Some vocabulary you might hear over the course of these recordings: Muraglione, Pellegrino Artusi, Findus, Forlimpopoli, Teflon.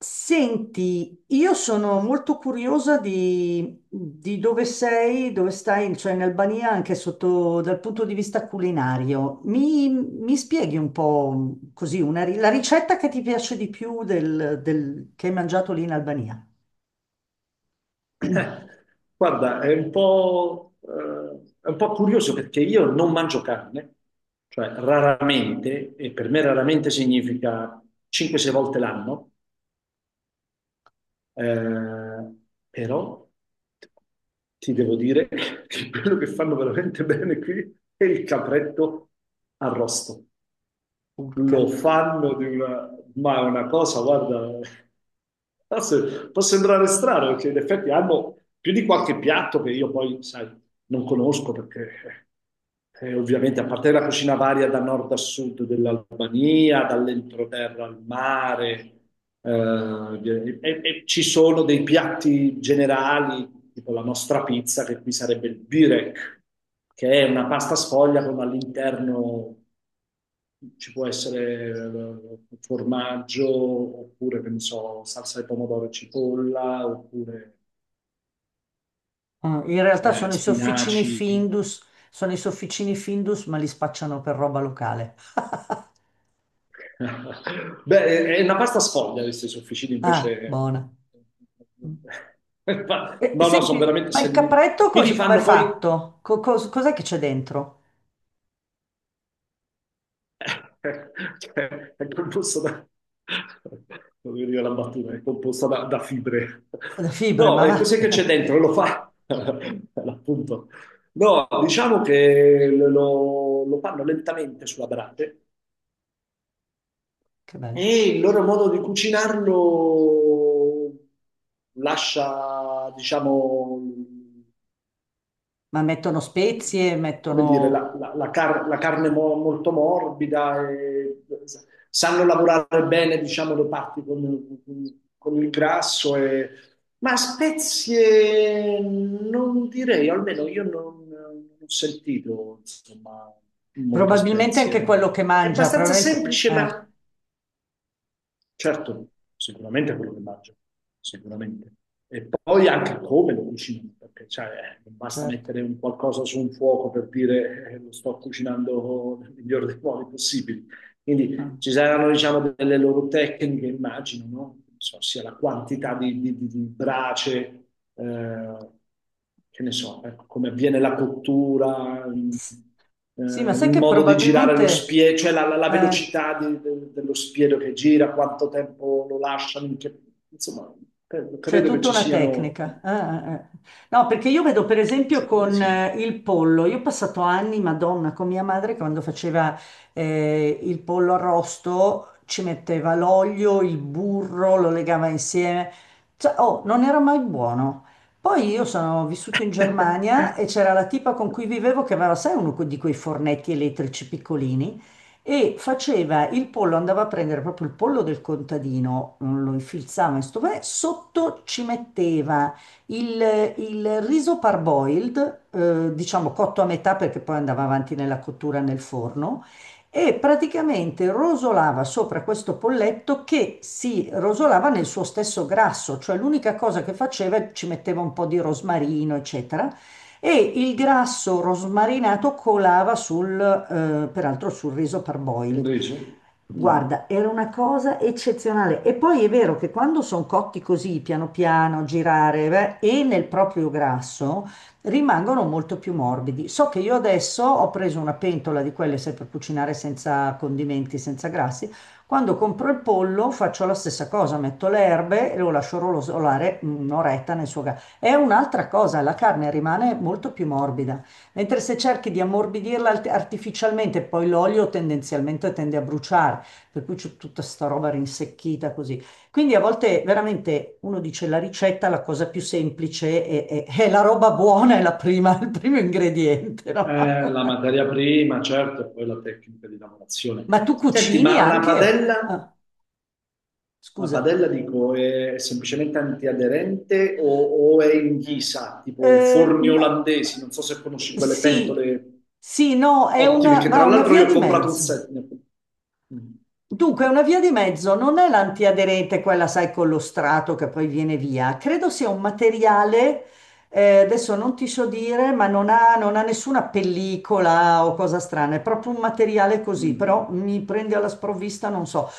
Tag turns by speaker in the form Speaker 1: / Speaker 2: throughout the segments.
Speaker 1: Senti, io sono molto curiosa di dove sei, dove stai, cioè in Albania, anche sotto dal punto di vista culinario. Mi spieghi un po' così la ricetta che ti piace di più del che hai mangiato lì in Albania?
Speaker 2: Guarda, è un po' curioso perché io non mangio carne, cioè raramente, e per me raramente significa 5-6 volte l'anno, eh, però ti devo dire che quello che fanno veramente bene qui è il capretto arrosto. Lo
Speaker 1: Urca.
Speaker 2: fanno di una... Ma è una cosa, guarda, forse può sembrare strano perché in effetti hanno più di qualche piatto che io poi, sai, non conosco perché ovviamente a parte la cucina varia da nord a sud dell'Albania, dall'entroterra al mare, e ci sono dei piatti generali tipo la nostra pizza, che qui sarebbe il birek, che è una pasta sfoglia con all'interno ci può essere formaggio, oppure, che ne so, salsa di pomodoro e cipolla, oppure
Speaker 1: Ah, in realtà sono i sofficini
Speaker 2: spinaci.
Speaker 1: Findus, sono i sofficini Findus, ma li spacciano per roba locale.
Speaker 2: Beh, è una pasta sfoglia, questi sofficini
Speaker 1: Ah,
Speaker 2: invece...
Speaker 1: buona. Mm.
Speaker 2: Ma no, no, sono
Speaker 1: Senti,
Speaker 2: veramente...
Speaker 1: ma
Speaker 2: se
Speaker 1: il
Speaker 2: li-
Speaker 1: capretto
Speaker 2: Qui li
Speaker 1: com'è
Speaker 2: fanno poi.
Speaker 1: fatto? Cos'è che c'è dentro?
Speaker 2: Cioè, è composto da... Non mi veniva la battuta, è composta da fibre.
Speaker 1: Da fibre, ma
Speaker 2: No, e
Speaker 1: va.
Speaker 2: cos'è che c'è dentro? Lo fa, appunto. No, diciamo che lo fanno lentamente sulla brace
Speaker 1: Che bello.
Speaker 2: e il loro modo di cucinarlo lascia, diciamo,
Speaker 1: Ma mettono spezie,
Speaker 2: come dire,
Speaker 1: mettono...
Speaker 2: la carne molto morbida, e sanno lavorare bene, diciamo, le parti con il grasso, ma spezie non direi, almeno io non ho sentito, insomma, molte
Speaker 1: Probabilmente anche quello
Speaker 2: spezie.
Speaker 1: che
Speaker 2: È
Speaker 1: mangia,
Speaker 2: abbastanza
Speaker 1: probabilmente...
Speaker 2: semplice, ma. Certo, sicuramente quello che mangio, sicuramente. E poi anche come lo cucino, perché cioè, non basta
Speaker 1: Certo.
Speaker 2: mettere un qualcosa su un fuoco per dire lo sto cucinando nel miglior dei modi possibili. Quindi
Speaker 1: Ah.
Speaker 2: ci saranno, diciamo, delle loro tecniche, immagino, no? Non so, sia la quantità di brace, eh, che ne so, ecco, come avviene la cottura,
Speaker 1: S- Sì, ma
Speaker 2: il
Speaker 1: sai che
Speaker 2: modo di girare lo
Speaker 1: probabilmente...
Speaker 2: spiedo, cioè la
Speaker 1: eh,
Speaker 2: velocità dello spiedo che gira, quanto tempo lo lasciano, insomma, credo,
Speaker 1: C'è
Speaker 2: credo che
Speaker 1: tutta
Speaker 2: ci
Speaker 1: una
Speaker 2: siano,
Speaker 1: tecnica. Ah, ah, ah. No, perché io vedo per esempio
Speaker 2: secondo me
Speaker 1: con
Speaker 2: sì.
Speaker 1: il pollo, io ho passato anni, Madonna, con mia madre quando faceva il pollo arrosto, ci metteva l'olio, il burro, lo legava insieme. Cioè, oh, non era mai buono. Poi io sono vissuto in Germania e c'era la tipa con cui vivevo che aveva, sai, uno di quei fornetti elettrici piccolini e faceva il pollo, andava a prendere proprio il pollo del contadino, mm, lo infilzava in sto panè, sotto ci metteva il riso parboiled, diciamo cotto a metà perché poi andava avanti nella cottura nel forno, e praticamente rosolava sopra questo polletto che si rosolava nel suo stesso grasso, cioè l'unica cosa che faceva ci metteva un po' di rosmarino, eccetera e il grasso rosmarinato colava peraltro sul riso
Speaker 2: Un
Speaker 1: parboiled.
Speaker 2: riso? Mm.
Speaker 1: Guarda, era una cosa eccezionale. E poi è vero che quando sono cotti così, piano piano, girare, beh, e nel proprio grasso, rimangono molto più morbidi. So che io adesso ho preso una pentola di quelle, sai, per cucinare senza condimenti, senza grassi. Quando compro il pollo faccio la stessa cosa, metto le erbe e lo lascio rosolare un'oretta nel suo gas. È un'altra cosa, la carne rimane molto più morbida, mentre se cerchi di ammorbidirla artificialmente, poi l'olio tendenzialmente tende a bruciare, per cui c'è tutta sta roba rinsecchita così. Quindi a volte veramente uno dice la ricetta, la cosa più semplice è è la roba buona, è la prima, il primo ingrediente, no?
Speaker 2: La materia prima, certo, e poi la tecnica di lavorazione.
Speaker 1: Ma tu
Speaker 2: Senti,
Speaker 1: cucini
Speaker 2: ma
Speaker 1: anche? Ah,
Speaker 2: una
Speaker 1: scusa.
Speaker 2: padella dico, è semplicemente antiaderente o è in ghisa, tipo i forni
Speaker 1: No.
Speaker 2: olandesi, non so se conosci quelle
Speaker 1: Sì,
Speaker 2: pentole
Speaker 1: sì, no, è
Speaker 2: ottime,
Speaker 1: una,
Speaker 2: che
Speaker 1: ma
Speaker 2: tra
Speaker 1: una
Speaker 2: l'altro
Speaker 1: via
Speaker 2: io ho
Speaker 1: di
Speaker 2: comprato un set.
Speaker 1: mezzo.
Speaker 2: Mm,
Speaker 1: Dunque, una via di mezzo non è l'antiaderente, quella, sai, con lo strato che poi viene via. Credo sia un materiale, adesso non ti so dire, ma non ha nessuna pellicola o cosa strana, è proprio un materiale così, però
Speaker 2: mm.
Speaker 1: mi prende alla sprovvista, non so.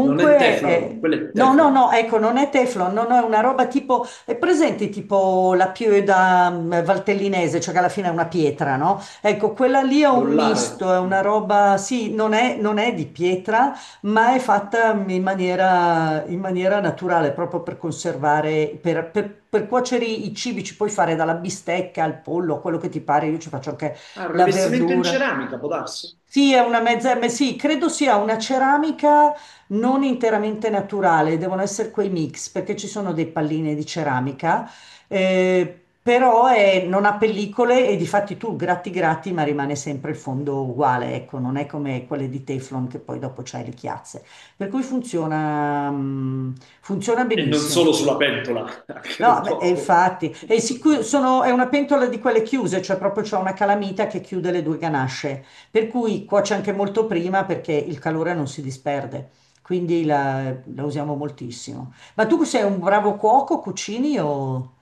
Speaker 2: Non è Teflon, quello è
Speaker 1: no, no,
Speaker 2: Teflon,
Speaker 1: no, ecco, non è Teflon, no, no, è una roba tipo, è presente tipo la pioda mm, valtellinese, cioè che alla fine è una pietra, no? Ecco, quella lì è un
Speaker 2: l'ollare.
Speaker 1: misto, è una
Speaker 2: Mm.
Speaker 1: roba, sì, non è di pietra ma è fatta in maniera naturale, proprio per conservare, per cuocere i cibi, ci puoi fare dalla bistecca al pollo, a quello che ti pare, io ci faccio anche
Speaker 2: Ah, il
Speaker 1: la
Speaker 2: rivestimento in
Speaker 1: verdura.
Speaker 2: ceramica, può darsi?
Speaker 1: Sì, è una mezza, ma sì, credo sia una ceramica non interamente naturale, devono essere quei mix, perché ci sono dei palline di ceramica, eh, però non ha pellicole e di fatti tu gratti gratti, ma rimane sempre il fondo uguale, ecco, non è come quelle di Teflon che poi dopo c'hai le chiazze. Per cui funziona, mm, funziona
Speaker 2: E non solo
Speaker 1: benissimo.
Speaker 2: sulla pentola, anche
Speaker 1: No,
Speaker 2: nel
Speaker 1: beh, e
Speaker 2: corpo.
Speaker 1: infatti, è una pentola di quelle chiuse, cioè proprio c'è una calamita che chiude le due ganasce, per cui cuoce anche molto prima perché il calore non si disperde, quindi la usiamo moltissimo. Ma tu sei un bravo cuoco, cucini o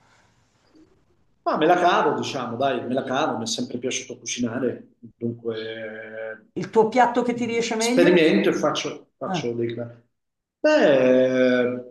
Speaker 2: Ma me la cavo, diciamo, dai, me la cavo, mi è sempre piaciuto cucinare, dunque
Speaker 1: il tuo piatto che ti riesce meglio?
Speaker 2: sperimento e faccio
Speaker 1: Ah,
Speaker 2: dei... Beh,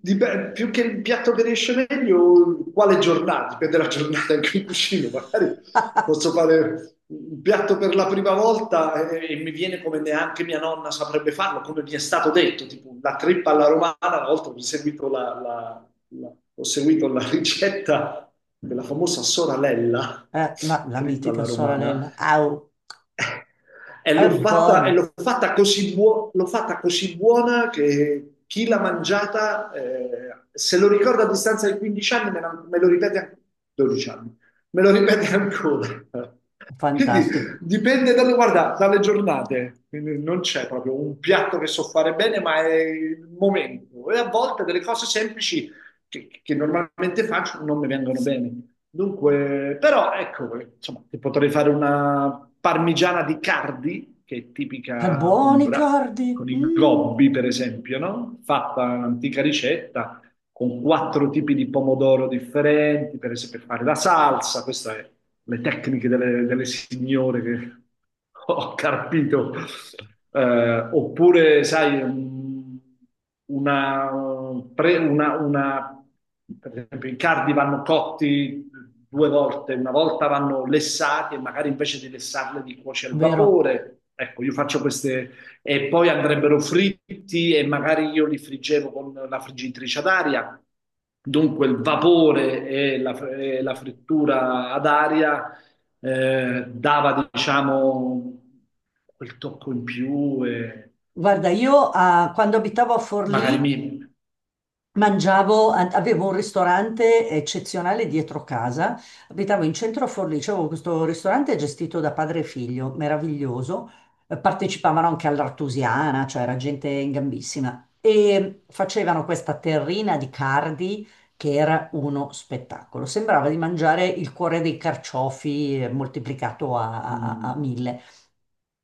Speaker 2: più che il piatto che riesce meglio, quale giornata, dipende dalla giornata in cui cucino, magari posso fare un piatto per la prima volta e mi viene come neanche mia nonna saprebbe farlo, come mi è stato detto, tipo la trippa alla romana, una volta mi è seguito No. Ho seguito la ricetta della famosa soralella,
Speaker 1: ma la
Speaker 2: trippa
Speaker 1: mitica
Speaker 2: alla romana,
Speaker 1: sorella, au,
Speaker 2: e
Speaker 1: è
Speaker 2: l'ho fatta, e
Speaker 1: buono,
Speaker 2: l'ho fatta, così, l'ho fatta così buona che chi l'ha mangiata, se lo ricorda a distanza di 15 anni, me lo ripete ancora, 12 anni, me lo ripete ancora. Quindi
Speaker 1: fantastico,
Speaker 2: dipende guarda, dalle giornate. Quindi non c'è proprio un piatto che so fare bene, ma è il momento. E a volte delle cose semplici che normalmente faccio non mi vengono bene. Dunque, però ecco, insomma, ti potrei fare una parmigiana di Cardi, che è
Speaker 1: è
Speaker 2: tipica
Speaker 1: buoni
Speaker 2: umbra,
Speaker 1: cardi,
Speaker 2: con i
Speaker 1: mm,
Speaker 2: gobbi, per esempio, no? Fatta un'antica ricetta, con quattro tipi di pomodoro differenti, per esempio per fare la salsa, queste sono le tecniche delle signore che ho capito. Oppure sai, un- una, pre- una- per esempio i cardi vanno cotti due volte, una volta vanno lessati e magari invece di lessarli li cuoci al
Speaker 1: vero?
Speaker 2: vapore. Ecco, io faccio queste e poi andrebbero fritti e magari io li friggevo con la friggitrice ad aria. Dunque il vapore e la frittura ad aria dava, diciamo, quel tocco in più e,
Speaker 1: Guarda, io ah, quando abitavo a
Speaker 2: e magari mi.
Speaker 1: Forlì, mangiavo, avevo un ristorante eccezionale dietro casa, abitavo in centro a Forlì, c'avevo questo ristorante gestito da padre e figlio, meraviglioso. Partecipavano anche all'Artusiana, cioè era gente in gambissima, e facevano questa terrina di cardi che era uno spettacolo, sembrava di mangiare il cuore dei carciofi moltiplicato a
Speaker 2: Mm.
Speaker 1: mille.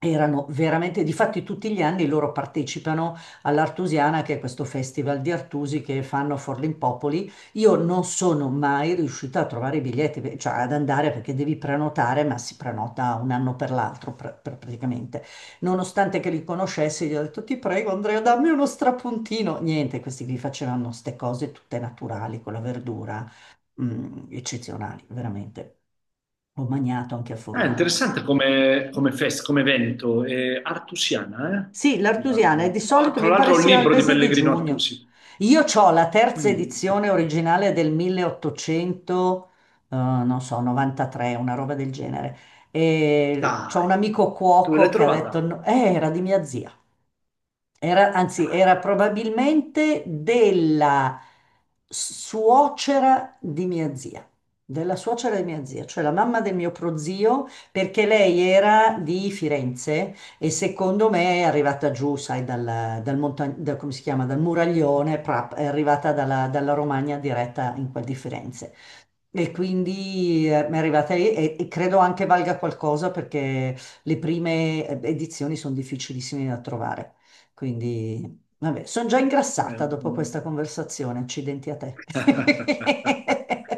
Speaker 1: Erano veramente, difatti tutti gli anni loro partecipano all'Artusiana, che è questo festival di Artusi che fanno a Forlimpopoli. Io non sono mai riuscita a trovare i biglietti, beh, cioè ad andare perché devi prenotare, ma si prenota un anno per l'altro praticamente. Nonostante che li conoscessi, gli ho detto ti prego Andrea, dammi uno strapuntino. Niente, questi qui facevano queste cose tutte naturali con la verdura, mm, eccezionali, veramente. Ho mangiato anche a
Speaker 2: Ah, è
Speaker 1: Forlì.
Speaker 2: interessante come evento, è artusiana, eh?
Speaker 1: Sì, l'artusiana e di
Speaker 2: Oh,
Speaker 1: solito
Speaker 2: tra
Speaker 1: mi pare
Speaker 2: l'altro ho un
Speaker 1: sia al
Speaker 2: libro di
Speaker 1: mese di
Speaker 2: Pellegrino
Speaker 1: giugno.
Speaker 2: Artusi.
Speaker 1: Io ho la terza
Speaker 2: Mm.
Speaker 1: edizione originale del 1800, non so, 93, una roba del genere. E c'ho
Speaker 2: Dai,
Speaker 1: un amico
Speaker 2: dove
Speaker 1: cuoco
Speaker 2: l'hai
Speaker 1: che ha detto,
Speaker 2: trovata?
Speaker 1: "No, era di mia zia. Era, anzi,
Speaker 2: Dai,
Speaker 1: era
Speaker 2: fantastico.
Speaker 1: probabilmente della suocera di mia zia, della suocera di mia zia, cioè la mamma del mio prozio, perché lei era di Firenze e secondo me è arrivata giù, sai, come si chiama, dal Muraglione, è arrivata dalla Romagna diretta in quel di Firenze. E quindi mi è arrivata lì e credo anche valga qualcosa perché le prime edizioni sono difficilissime da trovare. Quindi, vabbè, sono già
Speaker 2: Eh,
Speaker 1: ingrassata dopo questa conversazione. Accidenti a te.
Speaker 2: mm.